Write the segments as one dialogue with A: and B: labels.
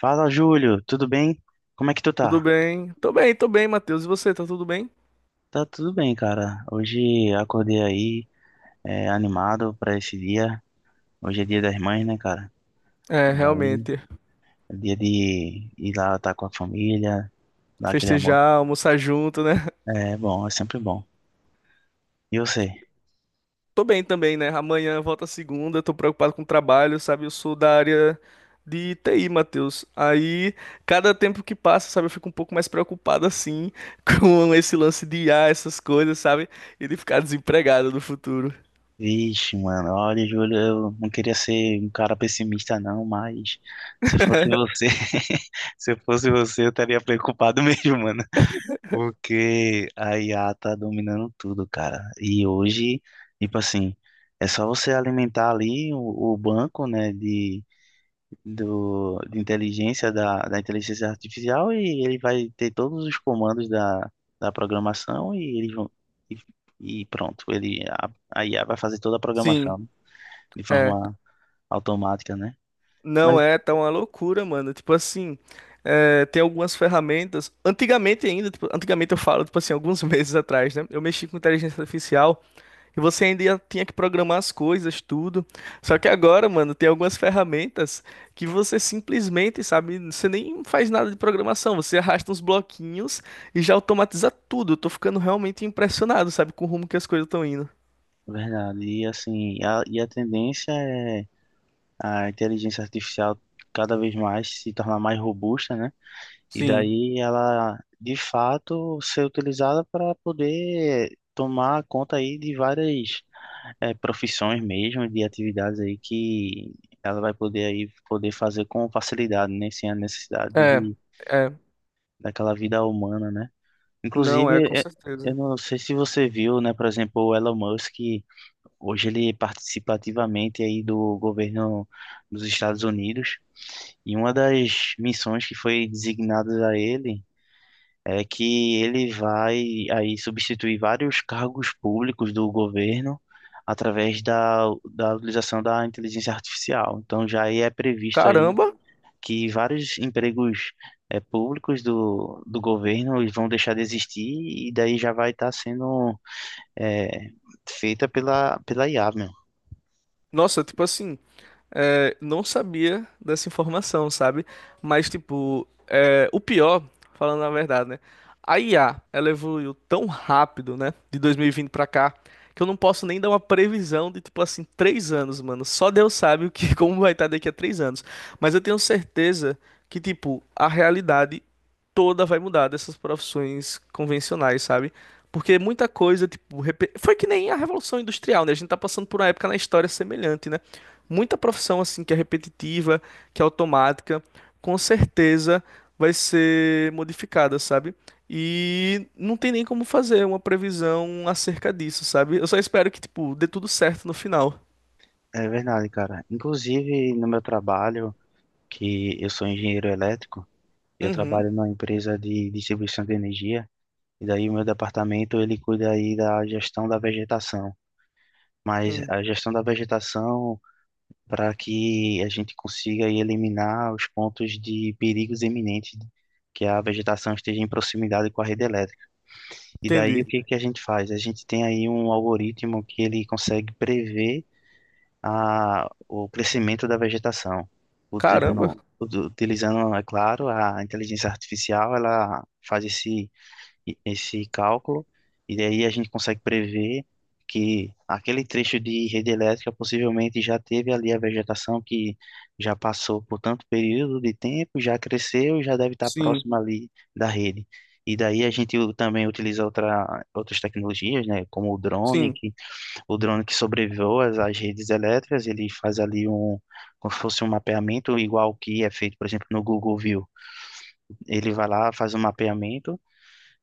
A: Fala, Júlio, tudo bem? Como é que tu
B: Tudo
A: tá?
B: bem? Tô bem, tô bem, Matheus. E você, tá tudo bem?
A: Tá tudo bem, cara. Hoje acordei aí, animado pra esse dia. Hoje é dia das mães, né, cara?
B: É,
A: E aí,
B: realmente.
A: é dia de ir lá estar com a família, dar aquele almoço.
B: Festejar, almoçar junto, né?
A: É bom, é sempre bom. E você?
B: Tô bem também, né? Amanhã volta a segunda, tô preocupado com o trabalho, sabe? Eu sou da área de TI, Matheus. Aí, cada tempo que passa, sabe, eu fico um pouco mais preocupado assim com esse lance de I a essas coisas, sabe? E de ficar desempregado no futuro.
A: Vixe, mano, olha, Júlio, eu não queria ser um cara pessimista, não, mas se fosse você, se fosse você, eu estaria preocupado mesmo, mano. Porque a IA tá dominando tudo, cara. E hoje, tipo assim, é só você alimentar ali o banco, né, de inteligência da inteligência artificial, e ele vai ter todos os comandos da, da programação e eles vão e, e pronto, a IA vai fazer toda a
B: Sim,
A: programação de
B: é.
A: forma automática, né?
B: Não
A: Mas,
B: é, tá uma loucura, mano. Tipo assim, é, tem algumas ferramentas. Antigamente ainda, tipo, antigamente eu falo, tipo assim, alguns meses atrás, né? Eu mexi com inteligência artificial e você ainda tinha que programar as coisas, tudo. Só que agora, mano, tem algumas ferramentas que você simplesmente, sabe, você nem faz nada de programação, você arrasta uns bloquinhos e já automatiza tudo. Eu tô ficando realmente impressionado, sabe, com o rumo que as coisas estão indo.
A: Verdade, e assim, e a tendência é a inteligência artificial cada vez mais se tornar mais robusta, né? E
B: Sim,
A: daí ela, de fato, ser utilizada para poder tomar conta aí de várias profissões mesmo, de atividades aí que ela vai poder aí poder fazer com facilidade, né? Sem a necessidade
B: é,
A: de
B: é,
A: daquela vida humana, né?
B: não é,
A: Inclusive,
B: com
A: eu
B: certeza.
A: não sei se você viu, né? Por exemplo, o Elon Musk hoje ele participa ativamente aí do governo dos Estados Unidos, e uma das missões que foi designada a ele é que ele vai aí substituir vários cargos públicos do governo através da utilização da inteligência artificial. Então já aí é previsto aí
B: Caramba!
A: que vários empregos públicos do governo eles vão deixar de existir, e daí já vai estar sendo eh, feita pela IA, meu.
B: Nossa, tipo assim, é, não sabia dessa informação, sabe? Mas, tipo, é, o pior, falando a verdade, né? A IA, ela evoluiu tão rápido, né? De 2020 pra cá, que eu não posso nem dar uma previsão de, tipo assim, 3 anos, mano. Só Deus sabe o que, como vai estar daqui a 3 anos. Mas eu tenho certeza que, tipo, a realidade toda vai mudar dessas profissões convencionais, sabe? Porque muita coisa, tipo, foi que nem a Revolução Industrial, né? A gente tá passando por uma época na história semelhante, né? Muita profissão assim que é repetitiva, que é automática, com certeza vai ser modificada, sabe? E não tem nem como fazer uma previsão acerca disso, sabe? Eu só espero que, tipo, dê tudo certo no final.
A: É verdade, cara. Inclusive no meu trabalho, que eu sou engenheiro elétrico, eu
B: Uhum,
A: trabalho numa empresa de distribuição de energia, e daí o meu departamento ele cuida aí da gestão da vegetação. Mas
B: hum,
A: a gestão da vegetação para que a gente consiga aí eliminar os pontos de perigos iminentes que a vegetação esteja em proximidade com a rede elétrica. E daí o
B: entendi.
A: que que a gente faz? A gente tem aí um algoritmo que ele consegue prever o crescimento da vegetação,
B: Caramba.
A: utilizando, é claro, a inteligência artificial, ela faz esse cálculo, e daí a gente consegue prever que aquele trecho de rede elétrica possivelmente já teve ali a vegetação que já passou por tanto período de tempo, já cresceu e já deve estar
B: Sim,
A: próximo ali da rede. E daí a gente também utiliza outras tecnologias, né, como
B: sim,
A: o drone que sobrevoa as redes elétricas, ele faz ali um, como se fosse um mapeamento igual que é feito, por exemplo, no Google View. Ele vai lá, faz um mapeamento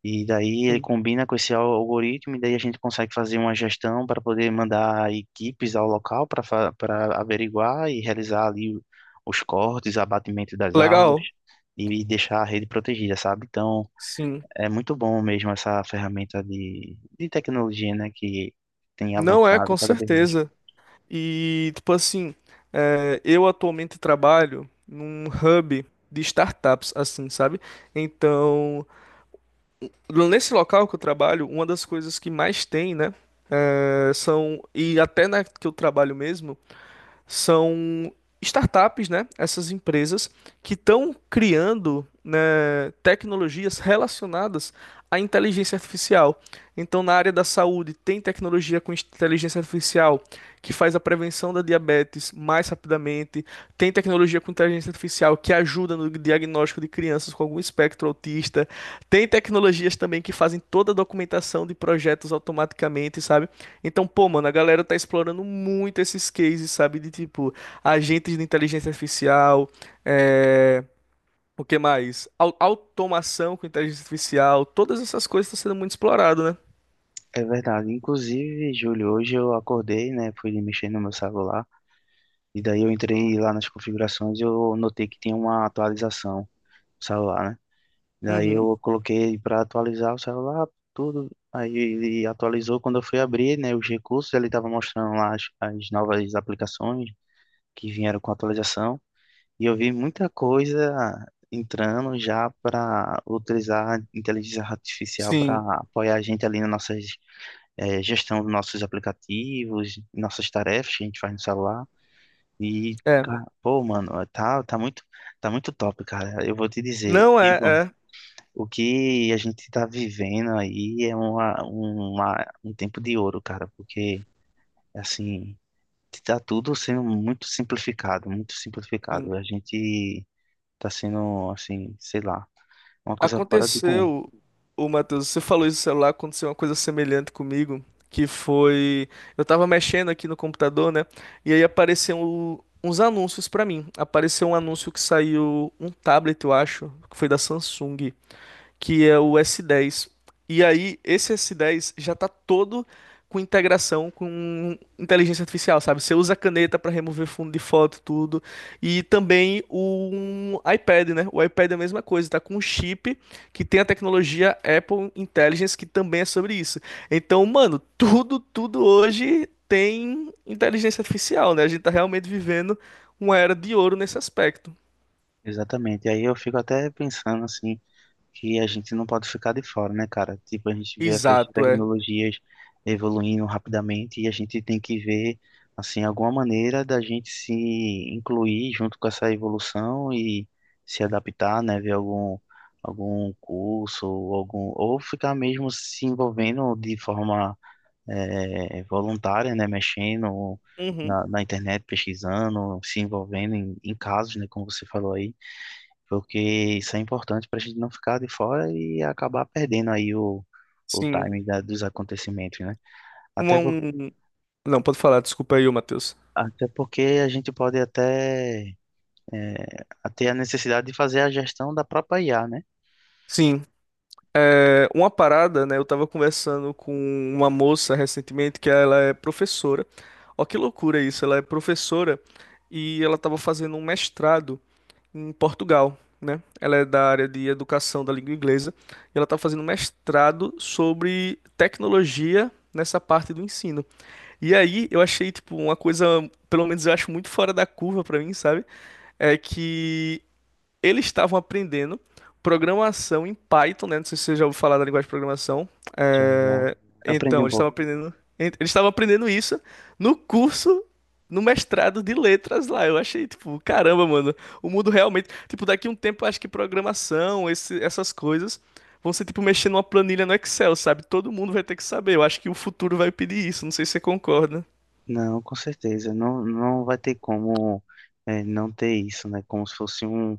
A: e daí ele
B: sim.
A: combina com algoritmo, e daí a gente consegue fazer uma gestão para poder mandar equipes ao local para para averiguar e realizar ali os cortes, abatimento das árvores,
B: Legal.
A: e deixar a rede protegida, sabe? Então
B: Sim.
A: é muito bom mesmo essa ferramenta de tecnologia, né, que tem
B: Não é, com
A: avançado cada vez mais.
B: certeza. E, tipo assim, é, eu atualmente trabalho num hub de startups, assim, sabe? Então, nesse local que eu trabalho, uma das coisas que mais tem, né? É, são, e até na que eu trabalho mesmo, são startups, né? Essas empresas que estão criando, né, tecnologias relacionadas à inteligência artificial. Então, na área da saúde, tem tecnologia com inteligência artificial que faz a prevenção da diabetes mais rapidamente, tem tecnologia com inteligência artificial que ajuda no diagnóstico de crianças com algum espectro autista, tem tecnologias também que fazem toda a documentação de projetos automaticamente, sabe? Então, pô, mano, a galera tá explorando muito esses cases, sabe? De tipo, agentes de inteligência artificial, é... o que mais? Automação com inteligência artificial, todas essas coisas estão sendo muito explorado, né?
A: É verdade. Inclusive, Júlio, hoje eu acordei, né, fui mexer no meu celular, e daí eu entrei lá nas configurações e eu notei que tinha uma atualização no celular, né? Daí
B: Uhum.
A: eu coloquei para atualizar o celular, tudo. Aí ele atualizou. Quando eu fui abrir, né, os recursos, ele estava mostrando lá as novas aplicações que vieram com a atualização. E eu vi muita coisa entrando já para utilizar a inteligência artificial para
B: Sim,
A: apoiar a gente ali na nossa gestão dos nossos aplicativos, nossas tarefas que a gente faz no celular. E,
B: é.
A: pô, mano, tá muito top, cara. Eu vou te dizer.
B: Não é,
A: Tipo,
B: é.
A: o que a gente tá vivendo aí é um tempo de ouro, cara, porque, assim, tá tudo sendo muito simplificado, muito
B: Sim.
A: simplificado. A gente tá sendo, assim, sei lá, uma coisa fora do comum.
B: Aconteceu, o Matheus, você falou isso do celular, aconteceu uma coisa semelhante comigo, que foi, eu tava mexendo aqui no computador, né? E aí apareceu uns anúncios pra mim. Apareceu um anúncio que saiu um tablet, eu acho, que foi da Samsung que é o S10. E aí, esse S10 já tá todo com integração com inteligência artificial, sabe? Você usa a caneta para remover fundo de foto, tudo. E também o um iPad, né? O iPad é a mesma coisa, tá com um chip que tem a tecnologia Apple Intelligence, que também é sobre isso. Então, mano, tudo hoje tem inteligência artificial, né? A gente tá realmente vivendo uma era de ouro nesse aspecto.
A: Exatamente. E aí eu fico até pensando, assim, que a gente não pode ficar de fora, né, cara? Tipo, a gente vê essas
B: Exato, é.
A: tecnologias evoluindo rapidamente e a gente tem que ver, assim, alguma maneira da gente se incluir junto com essa evolução e se adaptar, né? Ver algum, algum curso, ou algum, ou ficar mesmo se envolvendo de forma voluntária, né? Mexendo
B: Uhum,
A: na internet, pesquisando, se envolvendo em casos, né? Como você falou aí, porque isso é importante para a gente não ficar de fora e acabar perdendo aí o
B: sim.
A: time dos acontecimentos, né? Até, por-
B: Um, Não, pode falar, desculpa aí, ô Matheus.
A: Até porque a gente pode até é, ter a necessidade de fazer a gestão da própria IA, né?
B: Sim, é, uma parada, né? Eu tava conversando com uma moça recentemente que ela é professora. Ó, que loucura isso, ela é professora e ela tava fazendo um mestrado em Portugal, né? Ela é da área de educação da língua inglesa e ela tá fazendo um mestrado sobre tecnologia nessa parte do ensino. E aí eu achei, tipo, uma coisa, pelo menos eu acho muito fora da curva pra mim, sabe? É que eles estavam aprendendo programação em Python, né? Não sei se você já ouviu falar da linguagem de programação.
A: Já, já.
B: É,
A: Aprendi
B: Então,
A: um
B: eles estavam
A: pouco.
B: aprendendo, en- eles estavam aprendendo isso no curso, no mestrado de letras lá. Eu achei, tipo, caramba, mano, o mundo realmente, tipo, daqui a um tempo eu acho que programação, essas coisas vão ser tipo mexer numa planilha no Excel, sabe? Todo mundo vai ter que saber. Eu acho que o futuro vai pedir isso, não sei se você concorda.
A: Não, com certeza. Não, não vai ter como não ter isso, né? Como se fosse um,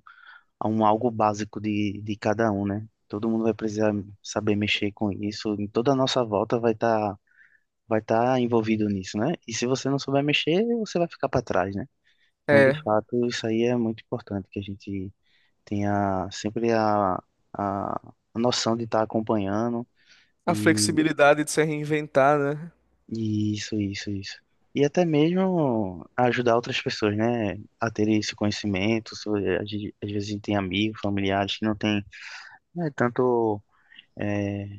A: um algo básico de cada um, né? Todo mundo vai precisar saber mexer com isso. Em toda a nossa volta vai estar, vai estar envolvido nisso, né? E se você não souber mexer, você vai ficar para trás, né? Então, de
B: É,
A: fato, isso aí é muito importante que a gente tenha sempre a, a noção de estar acompanhando
B: a
A: e,
B: flexibilidade de se reinventar, né?
A: e isso, isso. E até mesmo ajudar outras pessoas, né, a terem esse conhecimento. Às vezes a gente tem amigos, familiares que não têm, né, tanto é,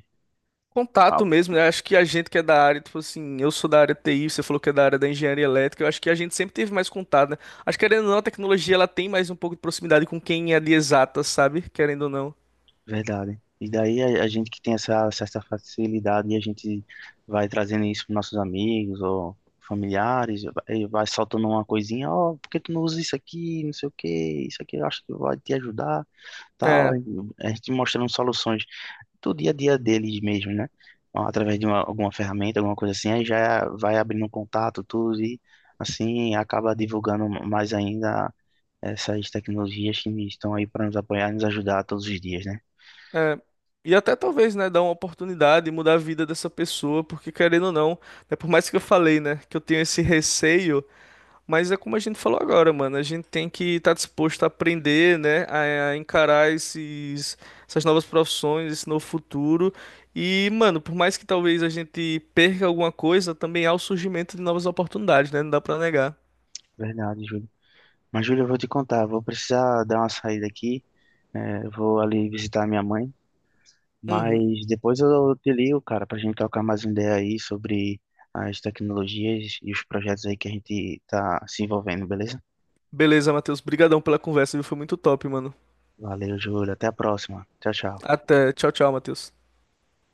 B: Contato mesmo, né? Acho que a gente que é da área, tipo assim, eu sou da área TI, você falou que é da área da engenharia elétrica, eu acho que a gente sempre teve mais contato, né? Acho que, querendo ou não, a tecnologia ela tem mais um pouco de proximidade com quem é de exatas, sabe? Querendo ou não.
A: verdade. E daí a gente que tem essa certa facilidade, a gente vai trazendo isso para nossos amigos ou familiares, e vai soltando uma coisinha, ó, por que tu não usa isso aqui, não sei o que, isso aqui eu acho que vai te ajudar, tal.
B: É,
A: Aí a gente mostrando soluções do dia a dia deles mesmo, né? Ó, através de uma, alguma ferramenta, alguma coisa assim, aí já vai abrindo um contato, tudo, e assim acaba divulgando mais ainda essas tecnologias que estão aí para nos apoiar e nos ajudar todos os dias, né?
B: é. E até talvez, né, dar uma oportunidade e mudar a vida dessa pessoa, porque querendo ou não, né, por mais que eu falei, né, que eu tenho esse receio. Mas é como a gente falou agora, mano. A gente tem que estar disposto a aprender, né? A encarar essas novas profissões, esse novo futuro. E, mano, por mais que talvez a gente perca alguma coisa, também há o surgimento de novas oportunidades, né? Não dá pra negar.
A: Verdade, Júlio. Mas, Júlia, eu vou te contar, vou precisar dar uma saída aqui, né? Eu vou ali visitar minha mãe,
B: Uhum.
A: mas depois eu te ligo, cara, pra gente trocar mais uma ideia aí sobre as tecnologias e os projetos aí que a gente tá se envolvendo, beleza?
B: Beleza, Matheus. Brigadão pela conversa, viu? Foi muito top, mano.
A: Valeu, Júlia, até a próxima. Tchau, tchau.
B: Até. Tchau, tchau, Matheus.